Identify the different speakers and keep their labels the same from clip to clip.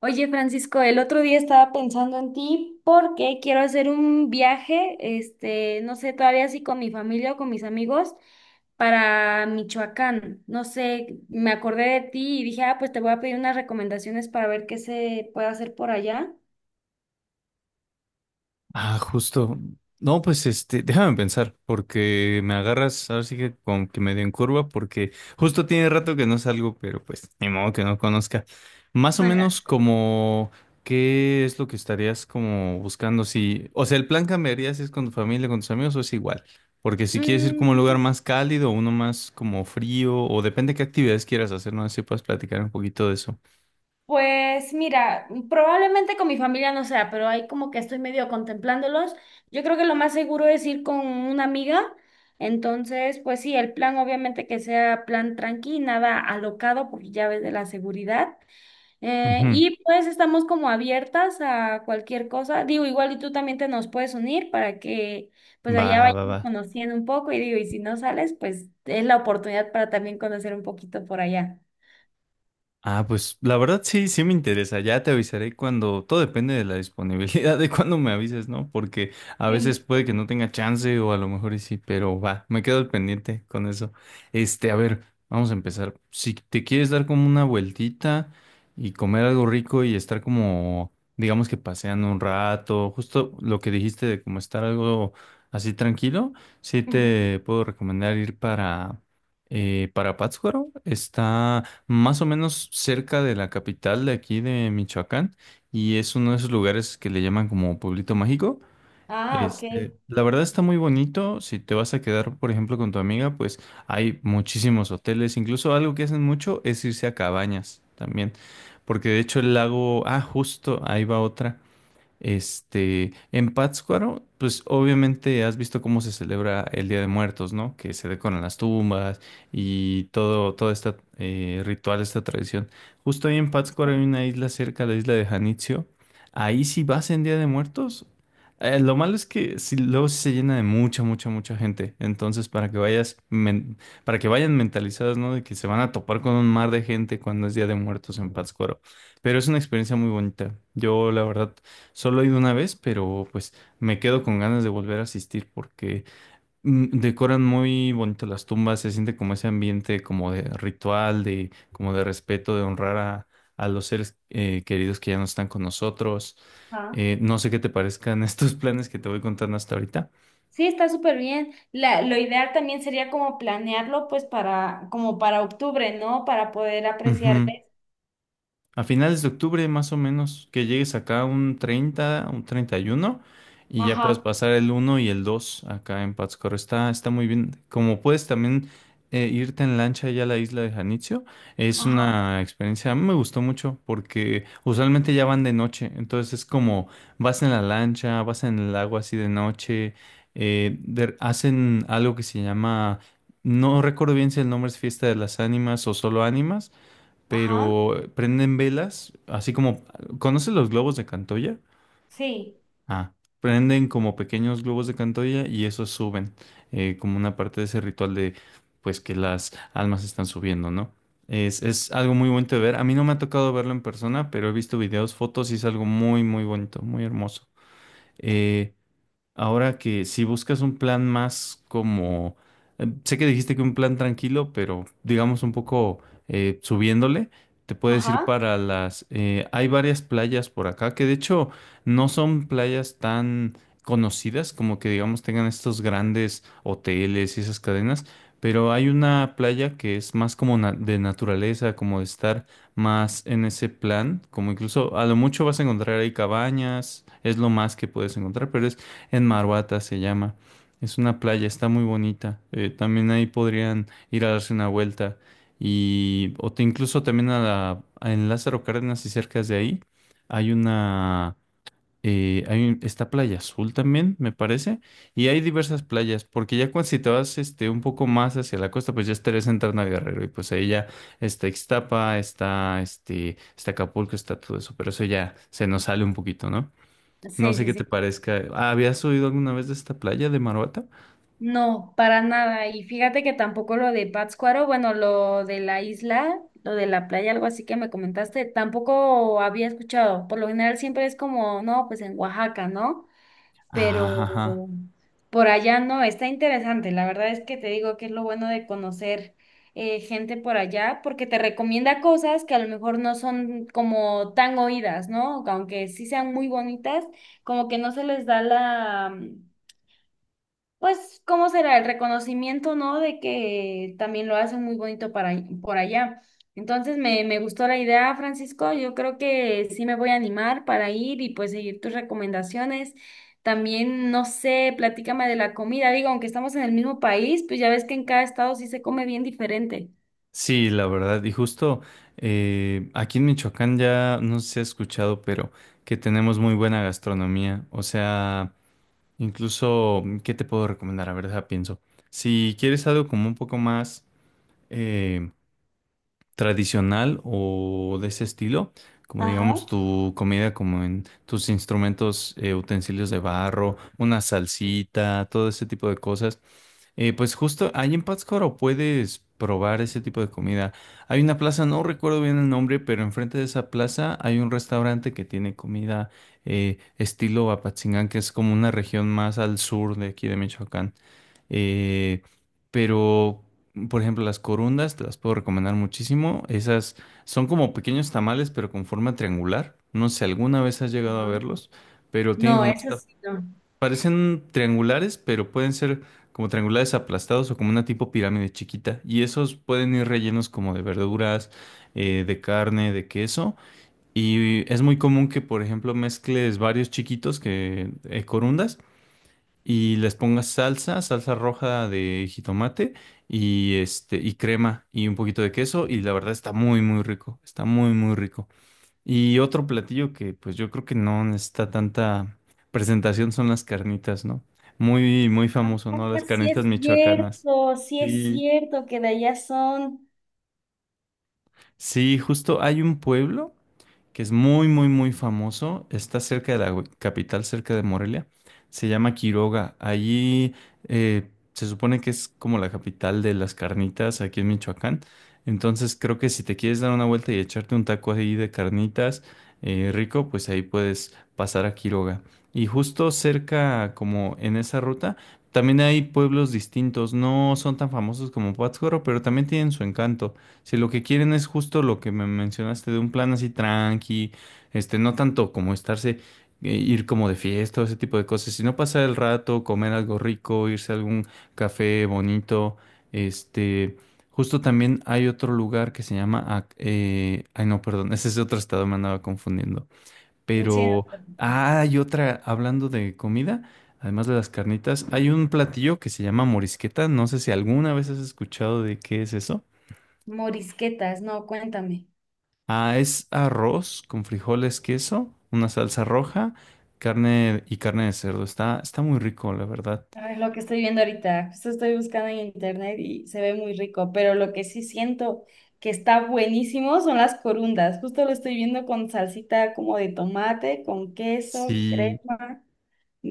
Speaker 1: Oye, Francisco, el otro día estaba pensando en ti porque quiero hacer un viaje, no sé todavía si con mi familia o con mis amigos para Michoacán. No sé, me acordé de ti y dije, ah, pues te voy a pedir unas recomendaciones para ver qué se puede hacer por allá.
Speaker 2: Ah, justo. No, pues este, déjame pensar, porque me agarras, ahora sí que con que medio en curva, porque justo tiene rato que no salgo, pero pues ni modo que no conozca. Más o menos como qué es lo que estarías como buscando si, o sea, el plan cambiaría si es con tu familia, con tus amigos o es igual, porque si quieres ir como a un lugar
Speaker 1: Mm,
Speaker 2: más cálido, uno más como frío, o depende qué actividades quieras hacer, no sé si puedes platicar un poquito de eso.
Speaker 1: Pues mira, probablemente con mi familia no sea, pero ahí como que estoy medio contemplándolos. Yo creo que lo más seguro es ir con una amiga. Entonces, pues sí, el plan obviamente que sea plan tranqui, nada alocado por llaves de la seguridad.
Speaker 2: Ujú.
Speaker 1: Y pues estamos como abiertas a cualquier cosa. Digo, igual y tú también te nos puedes unir para que pues
Speaker 2: Va,
Speaker 1: allá
Speaker 2: va, va.
Speaker 1: vayamos conociendo un poco. Y digo, y si no sales, pues es la oportunidad para también conocer un poquito por allá.
Speaker 2: Ah, pues la verdad sí, sí me interesa. Ya te avisaré cuando, todo depende de la disponibilidad de cuando me avises, ¿no? Porque a veces puede que no tenga chance o a lo mejor y sí, pero va, me quedo al pendiente con eso. Este, a ver, vamos a empezar. Si te quieres dar como una vueltita y comer algo rico y estar como, digamos que paseando un rato, justo lo que dijiste de como estar algo así tranquilo, sí te puedo recomendar ir para Pátzcuaro. Está más o menos cerca de la capital de aquí de Michoacán y es uno de esos lugares que le llaman como Pueblito Mágico.
Speaker 1: Ah, ok.
Speaker 2: Este, la verdad está muy bonito. Si te vas a quedar, por ejemplo, con tu amiga, pues hay muchísimos hoteles. Incluso algo que hacen mucho es irse a cabañas también. Porque de hecho el lago, ah, justo, ahí va otra. Este, en Pátzcuaro, pues obviamente has visto cómo se celebra el Día de Muertos, ¿no? Que se decoran las tumbas y todo este ritual, esta tradición. Justo ahí en Pátzcuaro hay
Speaker 1: Sí.
Speaker 2: una isla cerca, la isla de Janitzio. Ahí sí vas en Día de Muertos. Lo malo es que sí, luego sí se llena de mucha, mucha, mucha gente. Entonces, para que vayan mentalizadas, ¿no? De que se van a topar con un mar de gente cuando es Día de Muertos en Pátzcuaro. Pero es una experiencia muy bonita. Yo, la verdad, solo he ido una vez, pero pues me quedo con ganas de volver a asistir porque decoran muy bonito las tumbas, se siente como ese ambiente como de ritual, de como de respeto, de honrar a los seres queridos que ya no están con nosotros.
Speaker 1: Ajá.
Speaker 2: No sé qué te parezcan estos planes que te voy contando hasta ahorita.
Speaker 1: Sí, está súper bien. La, lo ideal también sería como planearlo, pues para, como para octubre, ¿no? Para poder apreciar
Speaker 2: Ujú.
Speaker 1: eso.
Speaker 2: A finales de octubre, más o menos, que llegues acá un 30, un 31 y ya puedes
Speaker 1: Ajá,
Speaker 2: pasar el uno y el 2 acá en Pátzcuaro. Está, está muy bien. Como puedes también irte en lancha allá a la isla de Janitzio, es
Speaker 1: ajá,
Speaker 2: una experiencia, a mí me gustó mucho porque usualmente ya van de noche, entonces es como vas en la lancha, vas en el agua así de noche, hacen algo que se llama, no recuerdo bien si el nombre es Fiesta de las Ánimas o solo Ánimas,
Speaker 1: ajá,
Speaker 2: pero prenden velas, así como, ¿conoces los globos de Cantoya?
Speaker 1: sí,
Speaker 2: Ah, prenden como pequeños globos de Cantoya y esos suben, como una parte de ese ritual de, pues que las almas están subiendo, ¿no? Es algo muy bonito de ver. A mí no me ha tocado verlo en persona, pero he visto videos, fotos y es algo muy, muy bonito, muy hermoso. Eh, Ahora que si buscas un plan más como, sé que dijiste que un plan tranquilo, pero digamos un poco subiéndole, te puedes ir
Speaker 1: ajá.
Speaker 2: hay varias playas por acá que de hecho no son playas tan conocidas como que digamos tengan estos grandes hoteles y esas cadenas, pero hay una playa que es más como de naturaleza, como de estar más en ese plan, como incluso a lo mucho vas a encontrar ahí cabañas, es lo más que puedes encontrar, pero es en Marhuata se llama. Es una playa, está muy bonita. También ahí podrían ir a darse una vuelta. Incluso también en Lázaro Cárdenas y cerca de ahí hay una, hay un- está Playa Azul también, me parece. Y hay diversas playas, porque ya cuando si te vas este, un poco más hacia la costa, pues ya estarías entrando a Guerrero. Y pues ahí ya está Ixtapa, está Acapulco, está todo eso. Pero eso ya se nos sale un poquito, ¿no? No
Speaker 1: Sí,
Speaker 2: sé
Speaker 1: sí,
Speaker 2: qué te
Speaker 1: sí.
Speaker 2: parezca. Ah, ¿habías oído alguna vez de esta playa de Maruata?
Speaker 1: No, para nada. Y fíjate que tampoco lo de Pátzcuaro, bueno, lo de la isla, lo de la playa, algo así que me comentaste, tampoco había escuchado. Por lo general siempre es como, no, pues en Oaxaca, ¿no? Pero
Speaker 2: Ajá, ajá.
Speaker 1: por allá no, está interesante. La verdad es que te digo que es lo bueno de conocer gente por allá, porque te recomienda cosas que a lo mejor no son como tan oídas, ¿no? Aunque sí sean muy bonitas, como que no se les da la pues, ¿cómo será? El reconocimiento, ¿no? De que también lo hacen muy bonito para, por allá. Entonces, me gustó la idea, Francisco. Yo creo que sí me voy a animar para ir y pues seguir tus recomendaciones. También, no sé, platícame de la comida. Digo, aunque estamos en el mismo país, pues ya ves que en cada estado sí se come bien diferente.
Speaker 2: Sí, la verdad. Y justo aquí en Michoacán ya no sé si has escuchado, pero que tenemos muy buena gastronomía. O sea, incluso, ¿qué te puedo recomendar? A ver, deja pienso. Si quieres algo como un poco más eh, tradicional o de ese estilo, como
Speaker 1: Ajá.
Speaker 2: digamos tu comida, como en tus instrumentos, utensilios de barro, una salsita, todo ese tipo de cosas. Pues justo ahí en Pátzcuaro puedes probar ese tipo de comida. Hay una plaza, no recuerdo bien el nombre, pero enfrente de esa plaza hay un restaurante que tiene comida estilo Apatzingán, que es como una región más al sur de aquí de Michoacán. Eh, pero, por ejemplo, las corundas te las puedo recomendar muchísimo. Esas son como pequeños tamales, pero con forma triangular. No sé, alguna vez has llegado a
Speaker 1: Ajá.
Speaker 2: verlos. Pero tienen
Speaker 1: No,
Speaker 2: como
Speaker 1: eso sí, no.
Speaker 2: Parecen triangulares, pero pueden ser como triangulares aplastados o como una tipo pirámide chiquita. Y esos pueden ir rellenos como de verduras, de carne, de queso. Y es muy común que, por ejemplo, mezcles varios chiquitos que corundas y les pongas salsa, salsa roja de jitomate y este y crema y un poquito de queso. Y la verdad está muy, muy rico. Está muy, muy rico. Y otro platillo que pues yo creo que no necesita tanta presentación son las carnitas, ¿no? Muy, muy
Speaker 1: Ah,
Speaker 2: famoso, ¿no? Las carnitas michoacanas.
Speaker 1: sí es
Speaker 2: Sí.
Speaker 1: cierto que de allá son...
Speaker 2: Sí, justo hay un pueblo que es muy, muy, muy famoso. Está cerca de la capital, cerca de Morelia. Se llama Quiroga. Allí se supone que es como la capital de las carnitas aquí en Michoacán. Entonces creo que si te quieres dar una vuelta y echarte un taco ahí de carnitas rico, pues ahí puedes pasar a Quiroga. Y justo cerca, como en esa ruta, también hay pueblos distintos. No son tan famosos como Pátzcuaro, pero también tienen su encanto. Si lo que quieren es justo lo que me mencionaste de un plan así tranqui, este, no tanto como estarse, ir como de fiesta o ese tipo de cosas, sino pasar el rato, comer algo rico, irse a algún café bonito, este, justo también hay otro lugar que se llama, ay no, perdón, ese es otro estado, me andaba confundiendo,
Speaker 1: Sí, no
Speaker 2: pero
Speaker 1: te preocupes.
Speaker 2: ah, hay otra, hablando de comida, además de las carnitas, hay un platillo que se llama morisqueta, no sé si alguna vez has escuchado de qué es eso.
Speaker 1: Morisquetas, no, cuéntame.
Speaker 2: Ah, es arroz con frijoles, queso, una salsa roja, carne y carne de cerdo. Está, está muy rico, la verdad.
Speaker 1: Ay, lo que estoy viendo ahorita, esto estoy buscando en internet y se ve muy rico, pero lo que sí siento que está buenísimo son las corundas. Justo lo estoy viendo con salsita como de tomate, con queso,
Speaker 2: Sí.
Speaker 1: crema,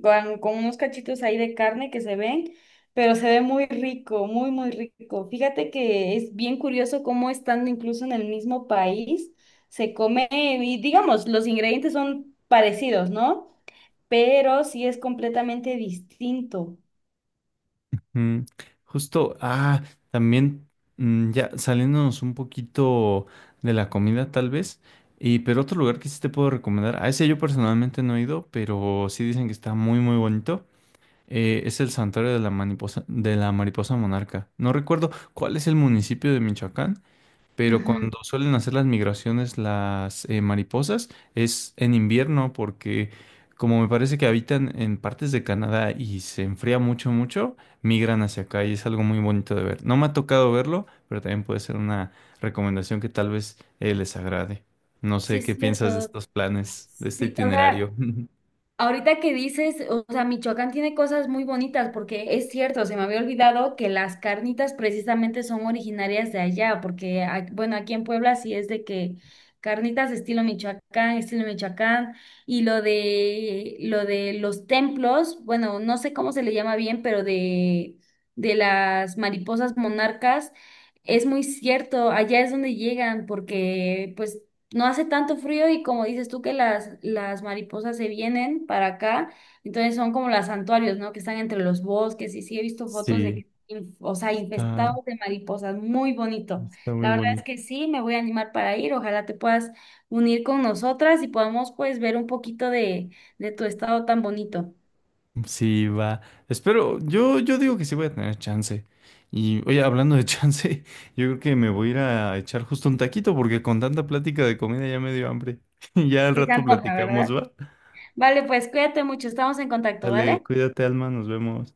Speaker 1: con unos cachitos ahí de carne que se ven, pero se ve muy rico, muy, muy rico. Fíjate que es bien curioso cómo estando incluso en el mismo país se come, y digamos, los ingredientes son parecidos, ¿no? Pero sí es completamente distinto.
Speaker 2: mm, Justo, ah, también ya saliéndonos un poquito de la comida, tal vez. Pero otro lugar que sí te puedo recomendar, a ese yo personalmente no he ido, pero sí dicen que está muy, muy bonito. Es el santuario de la mariposa monarca. No recuerdo cuál es el municipio de Michoacán. Pero
Speaker 1: Ujú.
Speaker 2: cuando suelen hacer las migraciones las mariposas es en invierno porque como me parece que habitan en partes de Canadá y se enfría mucho, mucho, migran hacia acá y es algo muy bonito de ver. No me ha tocado verlo, pero también puede ser una recomendación que tal vez les agrade. No
Speaker 1: Sí,
Speaker 2: sé qué
Speaker 1: es
Speaker 2: piensas de
Speaker 1: cierto.
Speaker 2: estos planes, de este
Speaker 1: Sí, o sea,
Speaker 2: itinerario.
Speaker 1: ahorita que dices, o sea, Michoacán tiene cosas muy bonitas, porque es cierto, se me había olvidado que las carnitas precisamente son originarias de allá, porque, a- bueno, aquí en Puebla sí es de que carnitas estilo Michoacán, y lo de los templos, bueno, no sé cómo se le llama bien, pero de las mariposas monarcas. Es muy cierto, allá es donde llegan, porque pues no hace tanto frío y como dices tú que las mariposas se vienen para acá, entonces son como los santuarios, ¿no? Que están entre los bosques y sí he visto fotos de
Speaker 2: Sí,
Speaker 1: que, o sea,
Speaker 2: está,
Speaker 1: infestados de mariposas, muy bonito.
Speaker 2: está muy
Speaker 1: La verdad es
Speaker 2: bonito.
Speaker 1: que sí, me voy a animar para ir, ojalá te puedas unir con nosotras y podamos pues ver un poquito de tu estado tan bonito.
Speaker 2: Sí, va. Espero, yo digo que sí voy a tener chance. Y oye, hablando de chance, yo creo que me voy a ir a echar justo un taquito porque con tanta plática de comida ya me dio hambre. Ya al
Speaker 1: Sí, se
Speaker 2: rato
Speaker 1: antoja,
Speaker 2: platicamos,
Speaker 1: ¿verdad?
Speaker 2: ¿va?
Speaker 1: Vale, pues cuídate mucho, estamos en contacto,
Speaker 2: Dale,
Speaker 1: ¿vale?
Speaker 2: cuídate, Alma, nos vemos.